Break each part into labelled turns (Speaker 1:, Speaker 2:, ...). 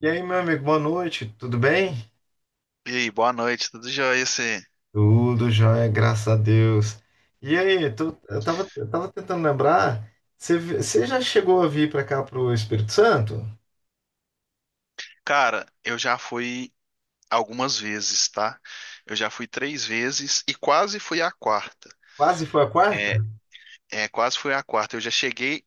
Speaker 1: E aí, meu amigo, boa noite, tudo bem?
Speaker 2: E aí, boa noite, tudo jóia? Você?
Speaker 1: Tudo jóia, graças a Deus. E aí, eu tava tentando lembrar, você já chegou a vir pra cá pro Espírito Santo?
Speaker 2: Cara, eu já fui algumas vezes, tá? Eu já fui três vezes e quase fui à quarta.
Speaker 1: Quase foi a
Speaker 2: É,
Speaker 1: quarta?
Speaker 2: é, quase fui à quarta. Eu já cheguei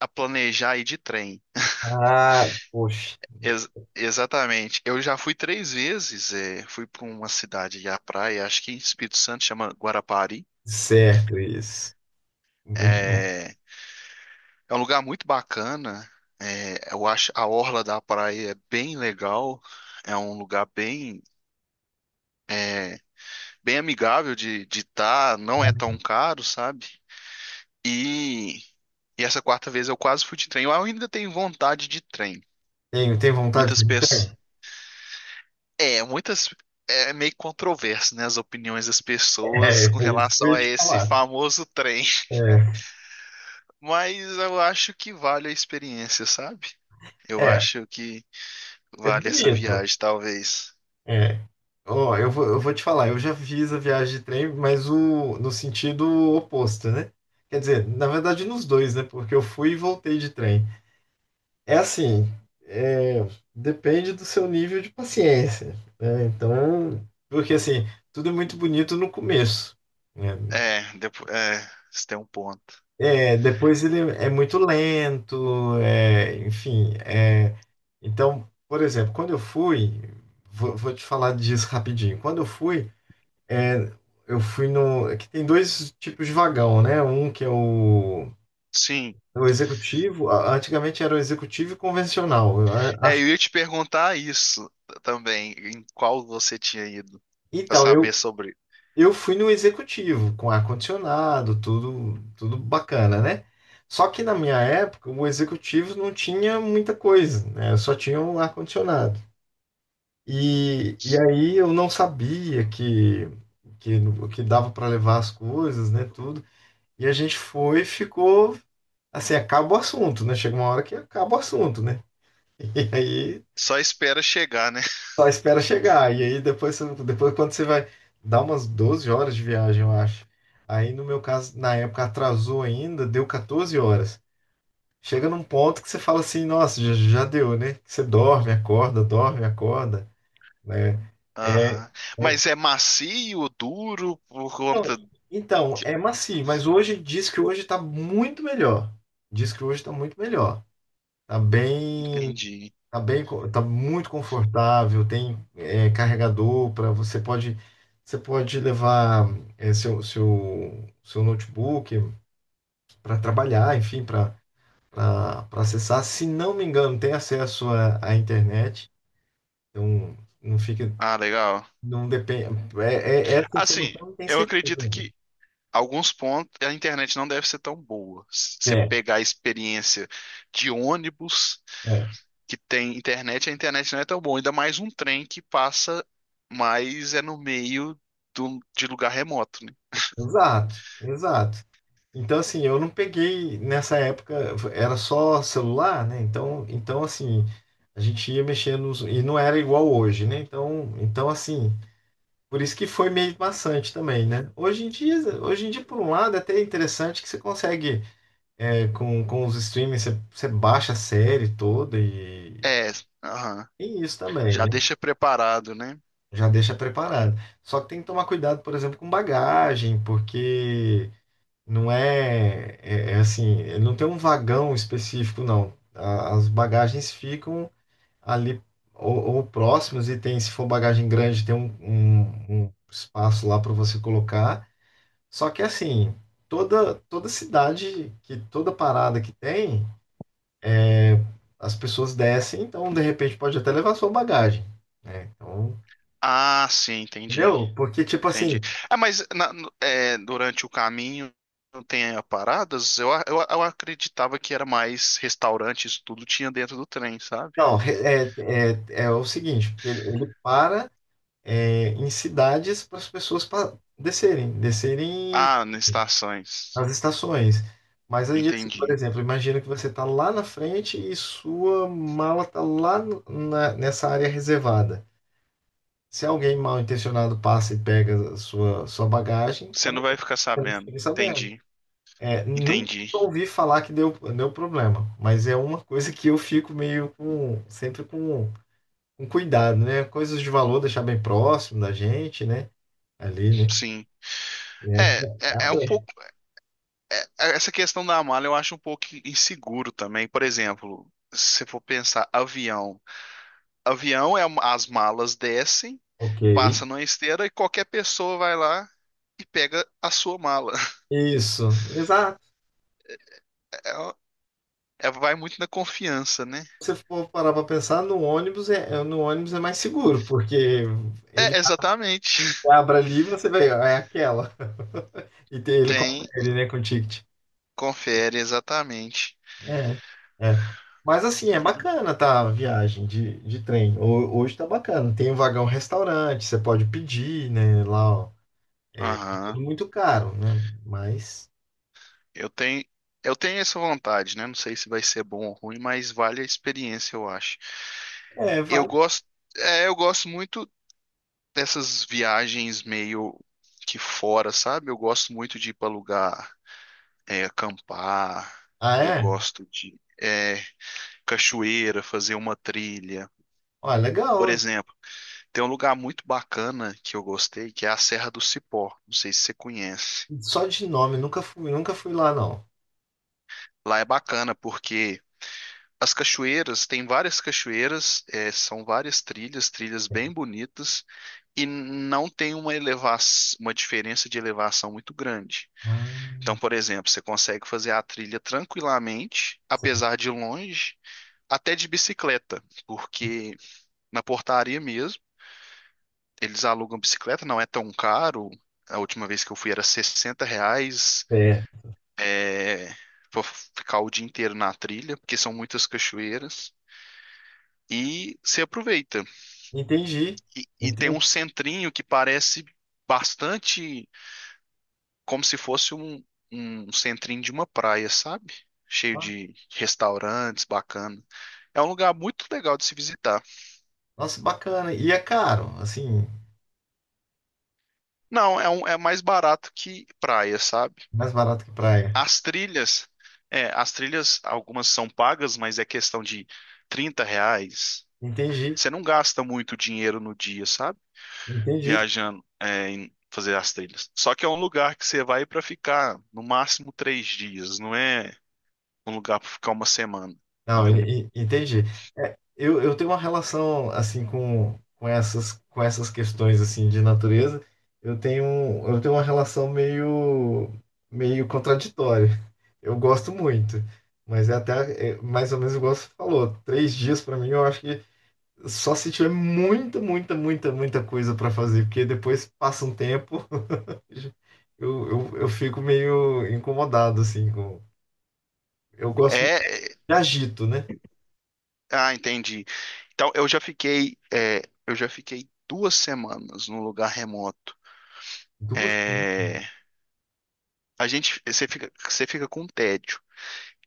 Speaker 2: a planejar ir de trem.
Speaker 1: Ah, poxa,
Speaker 2: Ex- Exatamente. Eu já fui três vezes. Fui para uma cidade e à praia, acho que em Espírito Santo, chama Guarapari.
Speaker 1: certo isso. Muito bom.
Speaker 2: É, é um lugar muito bacana. É, eu acho a orla da praia é bem legal. É um lugar bem bem amigável de estar, não é tão caro, sabe? E, e essa quarta vez eu quase fui de trem. Eu ainda tenho vontade de trem.
Speaker 1: Tem vontade
Speaker 2: Muitas
Speaker 1: de...
Speaker 2: pessoas. É, muitas. É meio controverso, né, as opiniões das
Speaker 1: É,
Speaker 2: pessoas com
Speaker 1: é isso que eu
Speaker 2: relação
Speaker 1: ia
Speaker 2: a
Speaker 1: te
Speaker 2: esse
Speaker 1: falar.
Speaker 2: famoso trem.
Speaker 1: É,
Speaker 2: Mas eu acho que vale a experiência, sabe? Eu
Speaker 1: é,
Speaker 2: acho que
Speaker 1: é
Speaker 2: vale essa
Speaker 1: bonito.
Speaker 2: viagem, talvez.
Speaker 1: É. Ó, eu vou te falar, eu já fiz a viagem de trem, mas o, no sentido oposto, né? Quer dizer, na verdade nos dois, né? Porque eu fui e voltei de trem. É assim, é, depende do seu nível de paciência, né? Então, porque assim, tudo é muito bonito no começo, né?
Speaker 2: É, depois, você tem um ponto.
Speaker 1: É, depois ele é muito lento, enfim. Então, por exemplo, quando eu fui, vou te falar disso rapidinho. Quando eu fui, É, eu fui no. É que tem dois tipos de vagão, né? Um que é o,
Speaker 2: Sim.
Speaker 1: é o executivo. Antigamente era o executivo e convencional.
Speaker 2: É, eu ia te perguntar também, em qual você tinha ido, pra
Speaker 1: Então,
Speaker 2: saber sobre.
Speaker 1: eu fui no executivo, com ar-condicionado, tudo, tudo bacana, né? Só que na minha época, o executivo não tinha muita coisa, né? Só tinha o ar-condicionado. E aí eu não sabia que, que dava para levar as coisas, né? Tudo. E a gente foi, e ficou assim, acaba o assunto, né? Chega uma hora que acaba o assunto, né? E aí
Speaker 2: Só espera chegar, né?
Speaker 1: só espera chegar. E aí depois, depois quando você vai dar umas 12 horas de viagem, eu acho. Aí no meu caso, na época atrasou ainda, deu 14 horas. Chega num ponto que você fala assim, nossa, já, já deu, né? Você dorme, acorda, né? É,
Speaker 2: Aham.
Speaker 1: é-
Speaker 2: Mas é macio, duro, por
Speaker 1: não,
Speaker 2: conta.
Speaker 1: então, é macio, mas hoje diz que hoje tá muito melhor. Diz que hoje tá muito melhor. Tá bem.
Speaker 2: Entendi.
Speaker 1: Tá bem, tá muito confortável, tem carregador para você pode levar seu, seu notebook para trabalhar, enfim, para acessar. Se não me engano, tem acesso à, à internet, então não fica
Speaker 2: Ah, legal.
Speaker 1: não depende essa
Speaker 2: Assim,
Speaker 1: informação não tem
Speaker 2: eu
Speaker 1: certeza.
Speaker 2: acredito
Speaker 1: Ainda.
Speaker 2: que alguns pontos a internet não deve ser tão boa. Se você
Speaker 1: É,
Speaker 2: pegar a experiência de ônibus.
Speaker 1: é.
Speaker 2: Que tem internet, a internet não é tão boa. Ainda mais um trem que passa, mas é no meio de lugar remoto, né?
Speaker 1: Exato, exato. Então, assim, eu não peguei nessa época, era só celular, né? Então, então assim, a gente ia mexendo nos- e não era igual hoje, né? Então, então, assim, por isso que foi meio maçante também, né? Hoje em dia, por um lado, é até interessante que você consegue, com os streamings, você, você baixa a série toda e
Speaker 2: É, aham.
Speaker 1: tem isso também,
Speaker 2: Já
Speaker 1: né?
Speaker 2: deixa preparado, né?
Speaker 1: Já deixa preparado. Só que tem que tomar cuidado, por exemplo, com bagagem, porque não é, é, é assim, ele não tem um vagão específico, não. As bagagens ficam ali ou próximas e tem, se for bagagem grande, tem um, um espaço lá para você colocar. Só que assim, toda cidade que toda parada que tem, é, as pessoas descem, então de repente pode até levar sua bagagem, né? Então,
Speaker 2: Ah, sim, entendi.
Speaker 1: entendeu? Porque tipo
Speaker 2: Entendi.
Speaker 1: assim,
Speaker 2: Ah, mas durante o caminho não tem paradas? Eu acreditava que era mais restaurantes, tudo tinha dentro do trem, sabe?
Speaker 1: não, é, é, é o seguinte, porque ele para em cidades para as pessoas descerem, descerem
Speaker 2: Ah, nas estações.
Speaker 1: as estações. Mas aí, assim, por
Speaker 2: Entendi.
Speaker 1: exemplo, imagina que você está lá na frente e sua mala está lá nessa área reservada. Se alguém mal intencionado passa e pega a sua, sua bagagem,
Speaker 2: Você não
Speaker 1: acabou.
Speaker 2: vai ficar
Speaker 1: Eu não
Speaker 2: sabendo.
Speaker 1: fiquei sabendo.
Speaker 2: Entendi.
Speaker 1: É, nunca
Speaker 2: Entendi.
Speaker 1: ouvi falar que deu, deu problema, mas é uma coisa que eu fico meio com, sempre com cuidado, né? Coisas de valor, deixar bem próximo da gente, né? Ali, né?
Speaker 2: Sim.
Speaker 1: É,
Speaker 2: É, é,
Speaker 1: é a
Speaker 2: é um
Speaker 1: mesma.
Speaker 2: pouco Essa questão da mala eu acho um pouco inseguro também. Por exemplo, se for pensar avião, avião é as malas descem,
Speaker 1: Ok.
Speaker 2: passa numa esteira e qualquer pessoa vai lá e pega a sua mala.
Speaker 1: Isso. Exato.
Speaker 2: É, Vai muito na confiança, né?
Speaker 1: Se você for parar para pensar, no ônibus no ônibus é mais seguro, porque ele
Speaker 2: É, exatamente.
Speaker 1: abre ali e você vê, ah, é aquela. E tem, ele
Speaker 2: Tem,
Speaker 1: confere, né, com o ticket.
Speaker 2: confere exatamente.
Speaker 1: É. É. Mas assim, é bacana, tá, a viagem de trem. Hoje tá bacana. Tem um vagão restaurante, você pode pedir, né, lá, ó. É
Speaker 2: Aham.
Speaker 1: tudo muito caro, né? Mas
Speaker 2: Eu tenho, eu tenho essa vontade, né? Não sei se vai ser bom ou ruim, mas vale a experiência, eu acho.
Speaker 1: é,
Speaker 2: Eu
Speaker 1: vale.
Speaker 2: gosto, eu gosto muito dessas viagens meio que fora, sabe? Eu gosto muito de ir para lugar, acampar,
Speaker 1: Ah,
Speaker 2: eu
Speaker 1: é?
Speaker 2: gosto de cachoeira, fazer uma trilha.
Speaker 1: Ó,
Speaker 2: Por
Speaker 1: legal.
Speaker 2: exemplo, tem um lugar muito bacana que eu gostei, que é a Serra do Cipó. Não sei se você conhece.
Speaker 1: Só de nome, nunca fui, nunca fui lá, não.
Speaker 2: Lá é bacana porque as cachoeiras, tem várias cachoeiras, são várias trilhas, trilhas bem bonitas, e não tem uma diferença de elevação muito grande.
Speaker 1: Ah,
Speaker 2: Então, por exemplo, você consegue fazer a trilha tranquilamente,
Speaker 1: sim.
Speaker 2: apesar de longe, até de bicicleta, porque na portaria mesmo, eles alugam bicicleta, não é tão caro. A última vez que eu fui era R$ 60,
Speaker 1: é.
Speaker 2: é, pra ficar o dia inteiro na trilha, porque são muitas cachoeiras, e se aproveita.
Speaker 1: Entendi.
Speaker 2: E tem
Speaker 1: Entendi.
Speaker 2: um centrinho que parece bastante como se fosse um, um centrinho de uma praia, sabe? Cheio
Speaker 1: Ah,
Speaker 2: de restaurantes, bacana. É um lugar muito legal de se visitar.
Speaker 1: nossa, bacana. E é caro, assim,
Speaker 2: Não, é mais barato que praia, sabe?
Speaker 1: mais barato que praia.
Speaker 2: As trilhas, as trilhas, algumas são pagas, mas é questão de R$ 30.
Speaker 1: Entendi.
Speaker 2: Você não gasta muito dinheiro no dia, sabe?
Speaker 1: Entendi.
Speaker 2: Viajando, em fazer as trilhas. Só que é um lugar que você vai para ficar no máximo 3 dias, não é um lugar para ficar uma semana,
Speaker 1: Não,
Speaker 2: entendeu?
Speaker 1: entendi. Eu tenho uma relação, assim, com essas questões, assim, de natureza. Eu tenho, eu tenho uma relação meio, meio contraditória. Eu gosto muito, mas é até, é, mais ou menos igual você falou, três dias para mim, eu acho que só se tiver muita, muita, muita, muita coisa para fazer, porque depois passa um tempo, eu fico meio incomodado, assim, com... Eu gosto
Speaker 2: É,
Speaker 1: muito
Speaker 2: é.
Speaker 1: de agito, né?
Speaker 2: Ah, entendi. Então, eu já fiquei 2 semanas num lugar remoto.
Speaker 1: Duas semanas?
Speaker 2: É, a gente, você fica, com um tédio,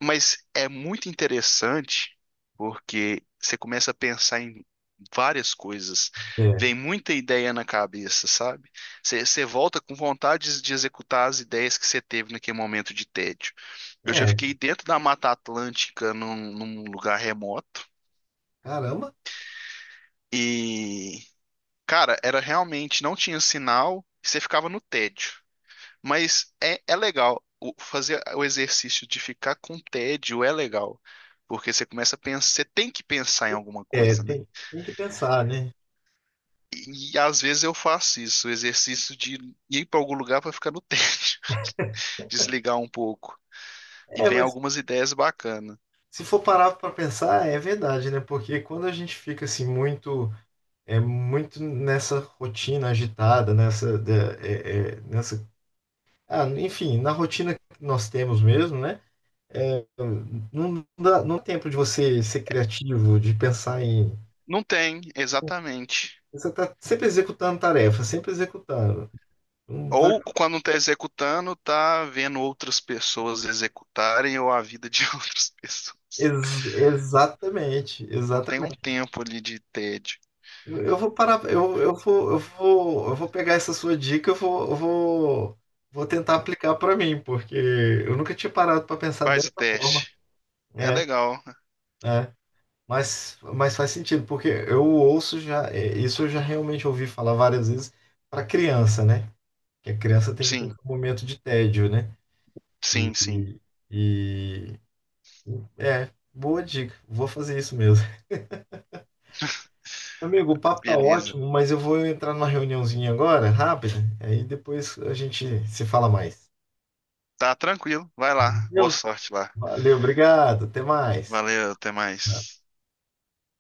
Speaker 2: mas é muito interessante porque você começa a pensar em várias coisas, vem muita ideia na cabeça, sabe? Você volta com vontade de executar as ideias que você teve naquele momento de tédio. Eu já
Speaker 1: É, é,
Speaker 2: fiquei dentro da Mata Atlântica num lugar remoto.
Speaker 1: caramba,
Speaker 2: E, cara, era realmente, não tinha sinal, você ficava no tédio. Mas é legal. Fazer o exercício de ficar com tédio é legal. Porque você começa a pensar, você tem que pensar em alguma
Speaker 1: é,
Speaker 2: coisa, né?
Speaker 1: tem que pensar, né?
Speaker 2: E às vezes eu faço isso, o exercício de ir para algum lugar para ficar no tédio, desligar um pouco. E
Speaker 1: É,
Speaker 2: vem
Speaker 1: mas
Speaker 2: algumas ideias bacanas.
Speaker 1: se for parar para pensar, é verdade, né? Porque quando a gente fica, assim, muito, muito nessa rotina agitada, nessa, nessa... Ah, enfim, na rotina que nós temos mesmo, né? É, não dá tempo de você ser criativo, de pensar em.
Speaker 2: Não tem, exatamente.
Speaker 1: Você está sempre executando tarefa, sempre executando. Não vai-
Speaker 2: Ou quando está executando, tá vendo outras pessoas executarem ou a vida de outras pessoas.
Speaker 1: Ex- exatamente,
Speaker 2: Não tem um
Speaker 1: exatamente.
Speaker 2: tempo ali de tédio.
Speaker 1: Eu vou parar, eu vou pegar essa sua dica, vou tentar aplicar para mim, porque eu nunca tinha parado para pensar
Speaker 2: Faz o
Speaker 1: dessa forma.
Speaker 2: teste. É
Speaker 1: É,
Speaker 2: legal.
Speaker 1: é. Mas faz sentido, porque eu ouço já, isso eu já realmente ouvi falar várias vezes para criança, né? Que a criança tem que ter um
Speaker 2: Sim,
Speaker 1: momento de tédio, né? E,
Speaker 2: sim, sim.
Speaker 1: e- e- é, boa dica. Vou fazer isso mesmo. Amigo, o papo tá
Speaker 2: Beleza.
Speaker 1: ótimo, mas eu vou entrar numa reuniãozinha agora, rápida. Aí depois a gente se fala mais.
Speaker 2: Tá tranquilo. Vai lá. Boa
Speaker 1: Valeu,
Speaker 2: sorte lá.
Speaker 1: valeu, obrigado. Até mais.
Speaker 2: Valeu, até mais.